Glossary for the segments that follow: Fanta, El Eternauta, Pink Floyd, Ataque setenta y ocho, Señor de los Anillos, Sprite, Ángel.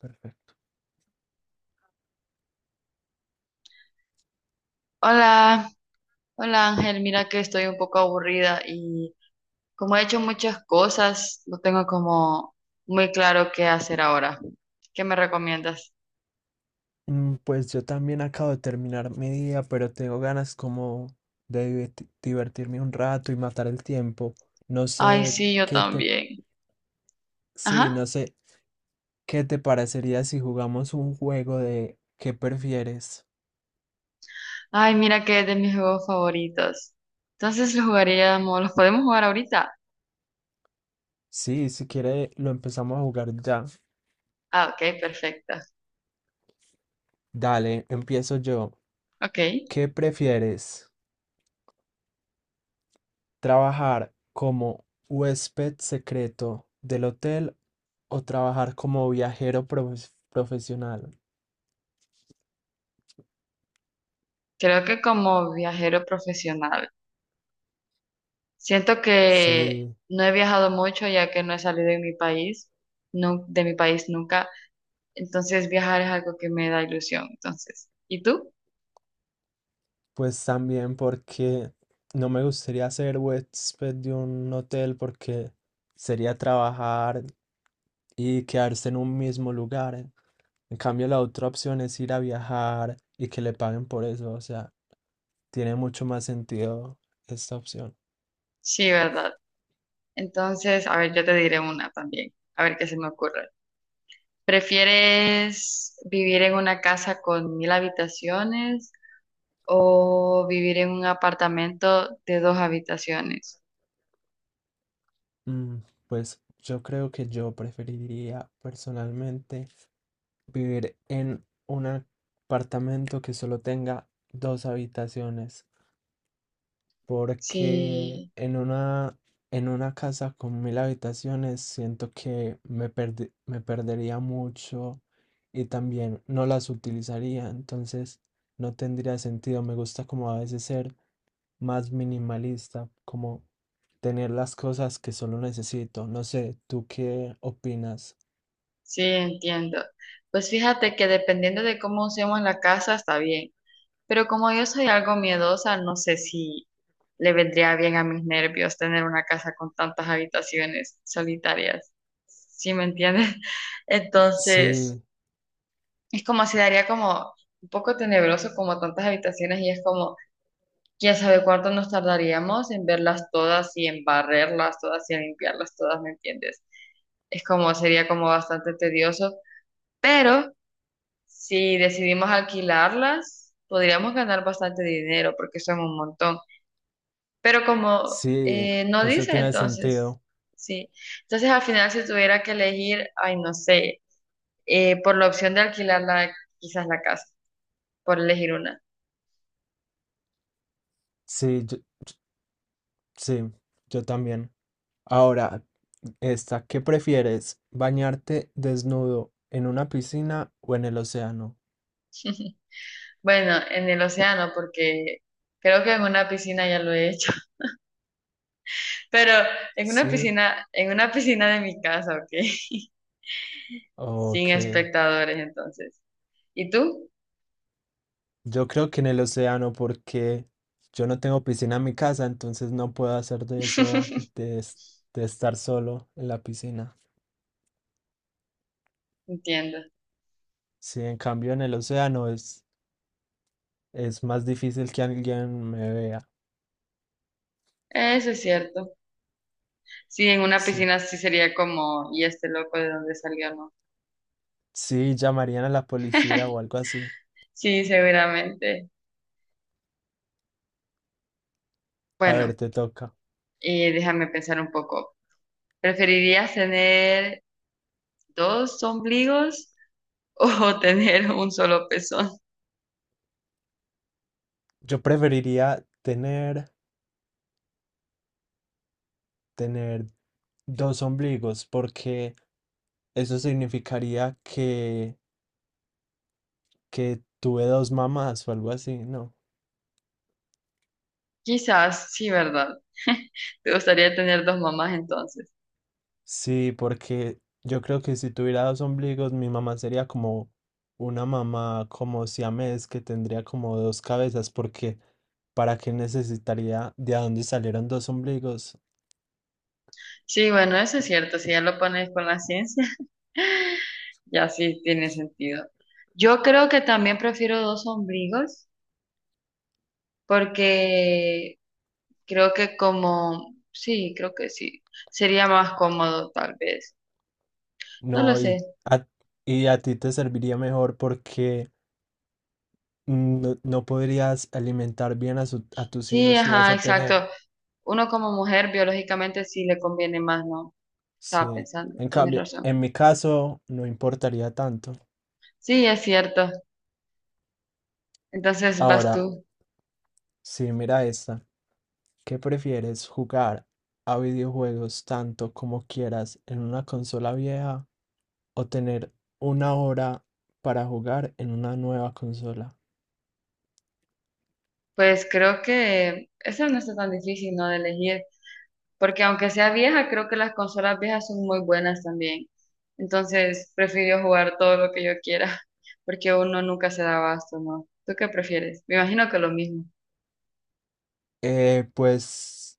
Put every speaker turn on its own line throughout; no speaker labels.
Perfecto.
Hola, hola Ángel, mira que estoy un poco aburrida y como he hecho muchas cosas, no tengo como muy claro qué hacer ahora. ¿Qué me recomiendas?
Pues yo también acabo de terminar mi día, pero tengo ganas como de divertirme un rato y matar el tiempo. No
Ay,
sé
sí, yo
qué te,
también.
sí,
Ajá.
no sé qué te parecería si jugamos un juego de qué prefieres.
Ay, mira que es de mis juegos favoritos. Entonces lo jugaríamos, ¿los podemos jugar ahorita?
Sí, si quiere lo empezamos a jugar ya.
Ah, ok, perfecto.
Dale, empiezo yo.
Ok,
¿Qué prefieres? ¿Trabajar como huésped secreto del hotel o trabajar como viajero profesional?
creo que como viajero profesional. Siento que
Sí,
no he viajado mucho ya que no he salido de mi país, de mi país nunca. Entonces viajar es algo que me da ilusión. Entonces, ¿y tú?
pues también porque no me gustaría ser huésped de un hotel porque sería trabajar y quedarse en un mismo lugar. En cambio, la otra opción es ir a viajar y que le paguen por eso. O sea, tiene mucho más sentido esta opción.
Sí, ¿verdad? Entonces, a ver, yo te diré una también, a ver qué se me ocurre. ¿Prefieres vivir en una casa con mil habitaciones o vivir en un apartamento de dos habitaciones?
Mm, Pues yo creo que yo preferiría personalmente vivir en un apartamento que solo tenga dos habitaciones, porque
Sí,
en una casa con 1000 habitaciones siento que me me perdería mucho y también no las utilizaría, entonces no tendría sentido. Me gusta como a veces ser más minimalista, como tener las cosas que solo necesito. No sé, ¿tú qué opinas?
sí, entiendo. Pues fíjate que dependiendo de cómo usemos la casa, está bien. Pero como yo soy algo miedosa, no sé si le vendría bien a mis nervios tener una casa con tantas habitaciones solitarias, ¿sí me entiendes? Entonces,
Sí,
es como si daría como un poco tenebroso como tantas habitaciones y es como, quién sabe cuánto nos tardaríamos en verlas todas y en barrerlas todas y en limpiarlas todas, ¿me entiendes? Es como, sería como bastante tedioso, pero si decidimos alquilarlas, podríamos ganar bastante dinero porque son un montón. Pero como
sí,
no
eso
dice,
tiene
entonces,
sentido.
sí. Entonces al final si tuviera que elegir, ay, no sé, por la opción de alquilar la, quizás la casa, por elegir una.
Sí, yo, sí, yo también. Ahora, esta, ¿qué prefieres? ¿Bañarte desnudo en una piscina o en el océano?
Bueno, en el océano, porque creo que en una piscina ya lo he hecho, pero
Sí,
en una piscina de mi casa, ¿ok?
ok.
Sin espectadores, entonces. ¿Y tú?
Yo creo que en el océano porque yo no tengo piscina en mi casa, entonces no puedo hacer de eso, de, de estar solo en la piscina.
Entiendo.
Sí, en cambio en el océano es más difícil que alguien me vea.
Eso es cierto. Sí, en una
Sí,
piscina sí sería como, ¿y este loco de dónde salió, no?
sí, llamarían a la policía o algo así.
Sí, seguramente.
A
Bueno,
ver, te toca.
déjame pensar un poco. ¿Preferirías tener dos ombligos o tener un solo pezón?
Yo preferiría tener, tener dos ombligos porque eso significaría que tuve dos mamás o algo así, ¿no?
Quizás, sí, ¿verdad? ¿Te gustaría tener dos mamás entonces?
Sí, porque yo creo que si tuviera dos ombligos, mi mamá sería como una mamá como siamés que tendría como dos cabezas, porque ¿para qué necesitaría de a dónde salieron dos ombligos?
Sí, bueno, eso es cierto. Si ya lo pones con la ciencia, ya sí tiene sentido. Yo creo que también prefiero dos ombligos porque creo que como, sí, creo que sí. Sería más cómodo tal vez. No lo
No,
sé.
a, y a ti te serviría mejor porque no, no podrías alimentar bien a, a tus
Sí,
hijos si vas
ajá,
a tener.
exacto. Uno como mujer biológicamente sí le conviene más, ¿no? Estaba
Sí.
pensando,
En
tienes
cambio,
razón.
en mi caso, no importaría tanto.
Sí, es cierto. Entonces vas
Ahora,
tú.
sí, mira esta. ¿Qué prefieres, jugar a videojuegos tanto como quieras en una consola vieja o tener 1 hora para jugar en una nueva consola?
Pues creo que eso no está tan difícil, ¿no? De elegir. Porque aunque sea vieja, creo que las consolas viejas son muy buenas también. Entonces prefiero jugar todo lo que yo quiera. Porque uno nunca se da abasto, ¿no? ¿Tú qué prefieres? Me imagino que lo mismo.
Pues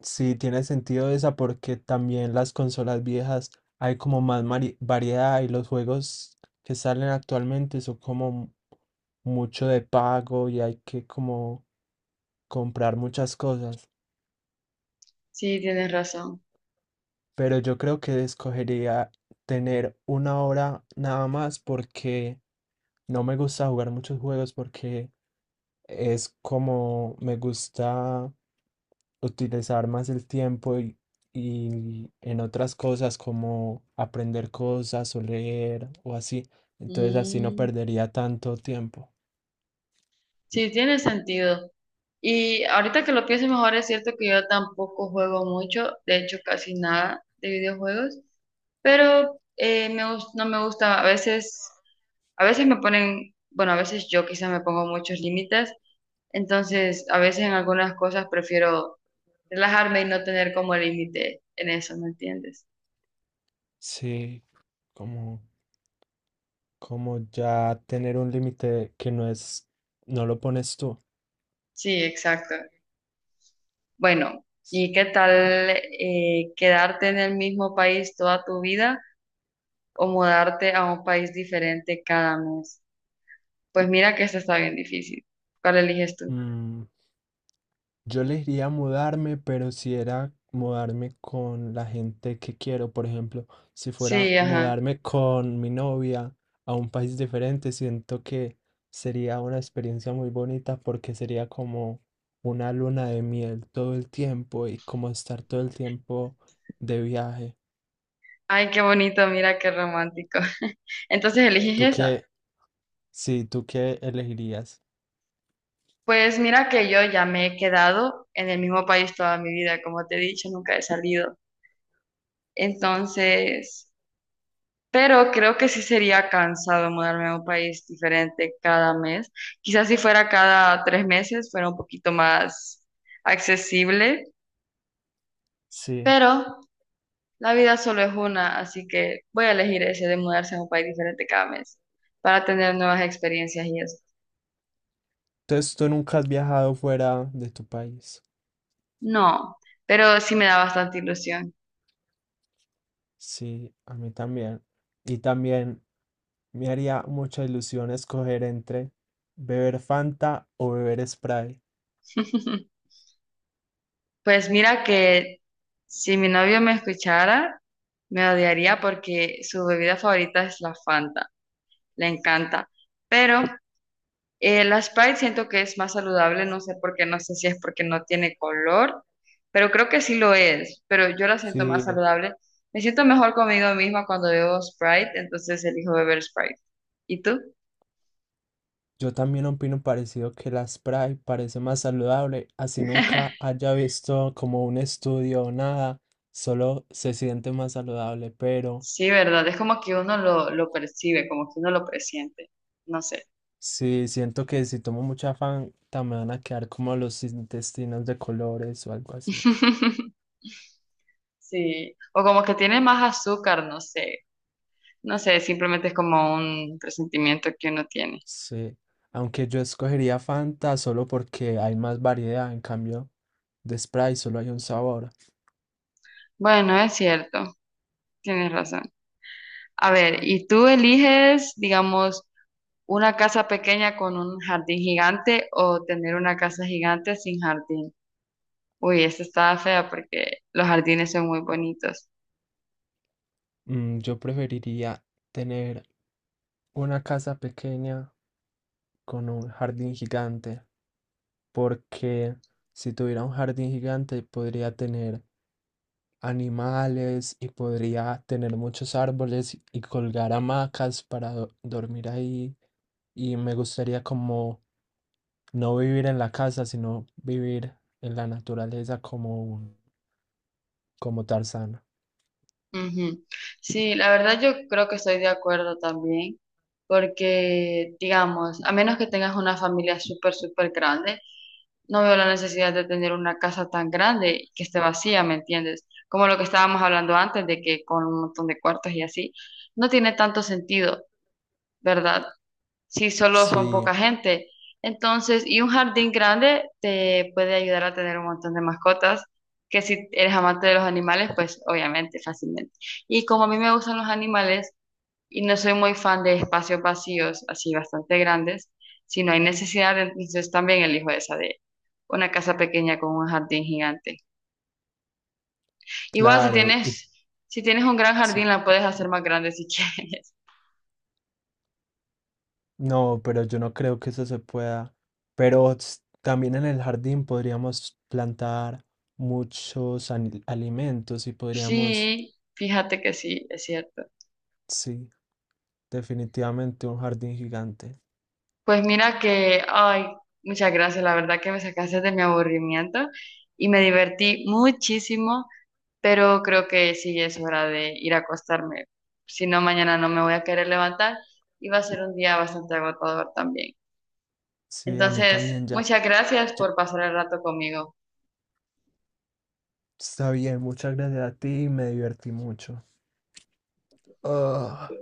sí, tiene sentido esa porque también las consolas viejas hay como más variedad y los juegos que salen actualmente son como mucho de pago y hay que como comprar muchas cosas.
Sí, tienes razón.
Pero yo creo que escogería tener 1 hora nada más porque no me gusta jugar muchos juegos porque es como me gusta utilizar más el tiempo y en otras cosas como aprender cosas o leer o así. Entonces así no
Mm,
perdería tanto tiempo.
sí, tiene sentido. Y ahorita que lo pienso mejor, es cierto que yo tampoco juego mucho, de hecho casi nada de videojuegos, pero no me gusta, a veces me ponen, bueno, a veces yo quizá me pongo muchos límites, entonces a veces en algunas cosas prefiero relajarme y no tener como límite en eso, ¿me entiendes?
Sí, como, como ya tener un límite que no es, no lo pones tú.
Sí, exacto. Bueno, ¿y qué tal quedarte en el mismo país toda tu vida o mudarte a un país diferente cada mes? Pues mira que esta está bien difícil. ¿Cuál eliges tú?
mm, Yo le diría mudarme, pero si era mudarme con la gente que quiero, por ejemplo, si fuera
Sí, ajá.
mudarme con mi novia a un país diferente, siento que sería una experiencia muy bonita porque sería como una luna de miel todo el tiempo y como estar todo el tiempo de viaje.
Ay, qué bonito, mira qué romántico. Entonces
¿Tú
eliges esa.
qué? Sí, ¿tú qué elegirías?
Pues mira que yo ya me he quedado en el mismo país toda mi vida, como te he dicho, nunca he salido. Entonces, pero creo que sí sería cansado mudarme a un país diferente cada mes. Quizás si fuera cada tres meses fuera un poquito más accesible,
Sí.
pero la vida solo es una, así que voy a elegir ese de mudarse a un país diferente cada mes para tener nuevas experiencias y eso.
Entonces, tú nunca has viajado fuera de tu país.
No, pero sí me da bastante ilusión.
Sí, a mí también. Y también me haría mucha ilusión escoger entre beber Fanta o beber Sprite.
Pues mira que si mi novio me escuchara, me odiaría porque su bebida favorita es la Fanta, le encanta, pero la Sprite siento que es más saludable, no sé por qué, no sé si es porque no tiene color, pero creo que sí lo es, pero yo la siento más
Sí,
saludable. Me siento mejor conmigo misma cuando bebo Sprite, entonces elijo beber Sprite. ¿Y tú?
yo también opino parecido que la Sprite parece más saludable, así nunca haya visto como un estudio o nada, solo se siente más saludable, pero
Sí, ¿verdad? Es como que uno lo percibe, como que uno lo presiente, no sé.
sí siento que si tomo mucha Fanta me van a quedar como los intestinos de colores o algo así.
Sí, o como que tiene más azúcar, no sé, no sé, simplemente es como un presentimiento que uno tiene.
Sí, aunque yo escogería Fanta solo porque hay más variedad, en cambio de Sprite solo hay un sabor.
Bueno, es cierto, tienes razón. A ver, ¿y tú eliges, digamos, una casa pequeña con un jardín gigante o tener una casa gigante sin jardín? Uy, esta estaba fea porque los jardines son muy bonitos.
Yo preferiría tener una casa pequeña con un jardín gigante, porque si tuviera un jardín gigante podría tener animales y podría tener muchos árboles y colgar hamacas para dormir ahí. Y me gustaría como no vivir en la casa, sino vivir en la naturaleza como como Tarzán.
Ujú. Sí, la verdad yo creo que estoy de acuerdo también, porque, digamos, a menos que tengas una familia súper, súper grande, no veo la necesidad de tener una casa tan grande y que esté vacía, ¿me entiendes? Como lo que estábamos hablando antes de que con un montón de cuartos y así, no tiene tanto sentido. ¿Verdad? Si solo son
Sí,
poca gente. Entonces, y un jardín grande te puede ayudar a tener un montón de mascotas, que si eres amante de los animales, pues obviamente, fácilmente. Y como a mí me gustan los animales y no soy muy fan de espacios vacíos, así bastante grandes, si no hay necesidad, entonces también elijo esa de una casa pequeña con un jardín gigante. Igual si
claro, y
tienes, si tienes un gran jardín,
sí.
la puedes hacer más grande si quieres.
No, pero yo no creo que eso se pueda. Pero s- también en el jardín podríamos plantar muchos alimentos y podríamos,
Sí, fíjate que sí, es cierto.
sí, definitivamente un jardín gigante.
Pues mira que, ay, muchas gracias, la verdad que me sacaste de mi aburrimiento y me divertí muchísimo, pero creo que sí es hora de ir a acostarme, si no mañana no me voy a querer levantar y va a ser un día bastante agotador también.
Sí, a mí
Entonces,
también ya.
muchas gracias
ya-
por pasar el rato conmigo.
Está bien, muchas gracias a ti y me divertí mucho. Ah.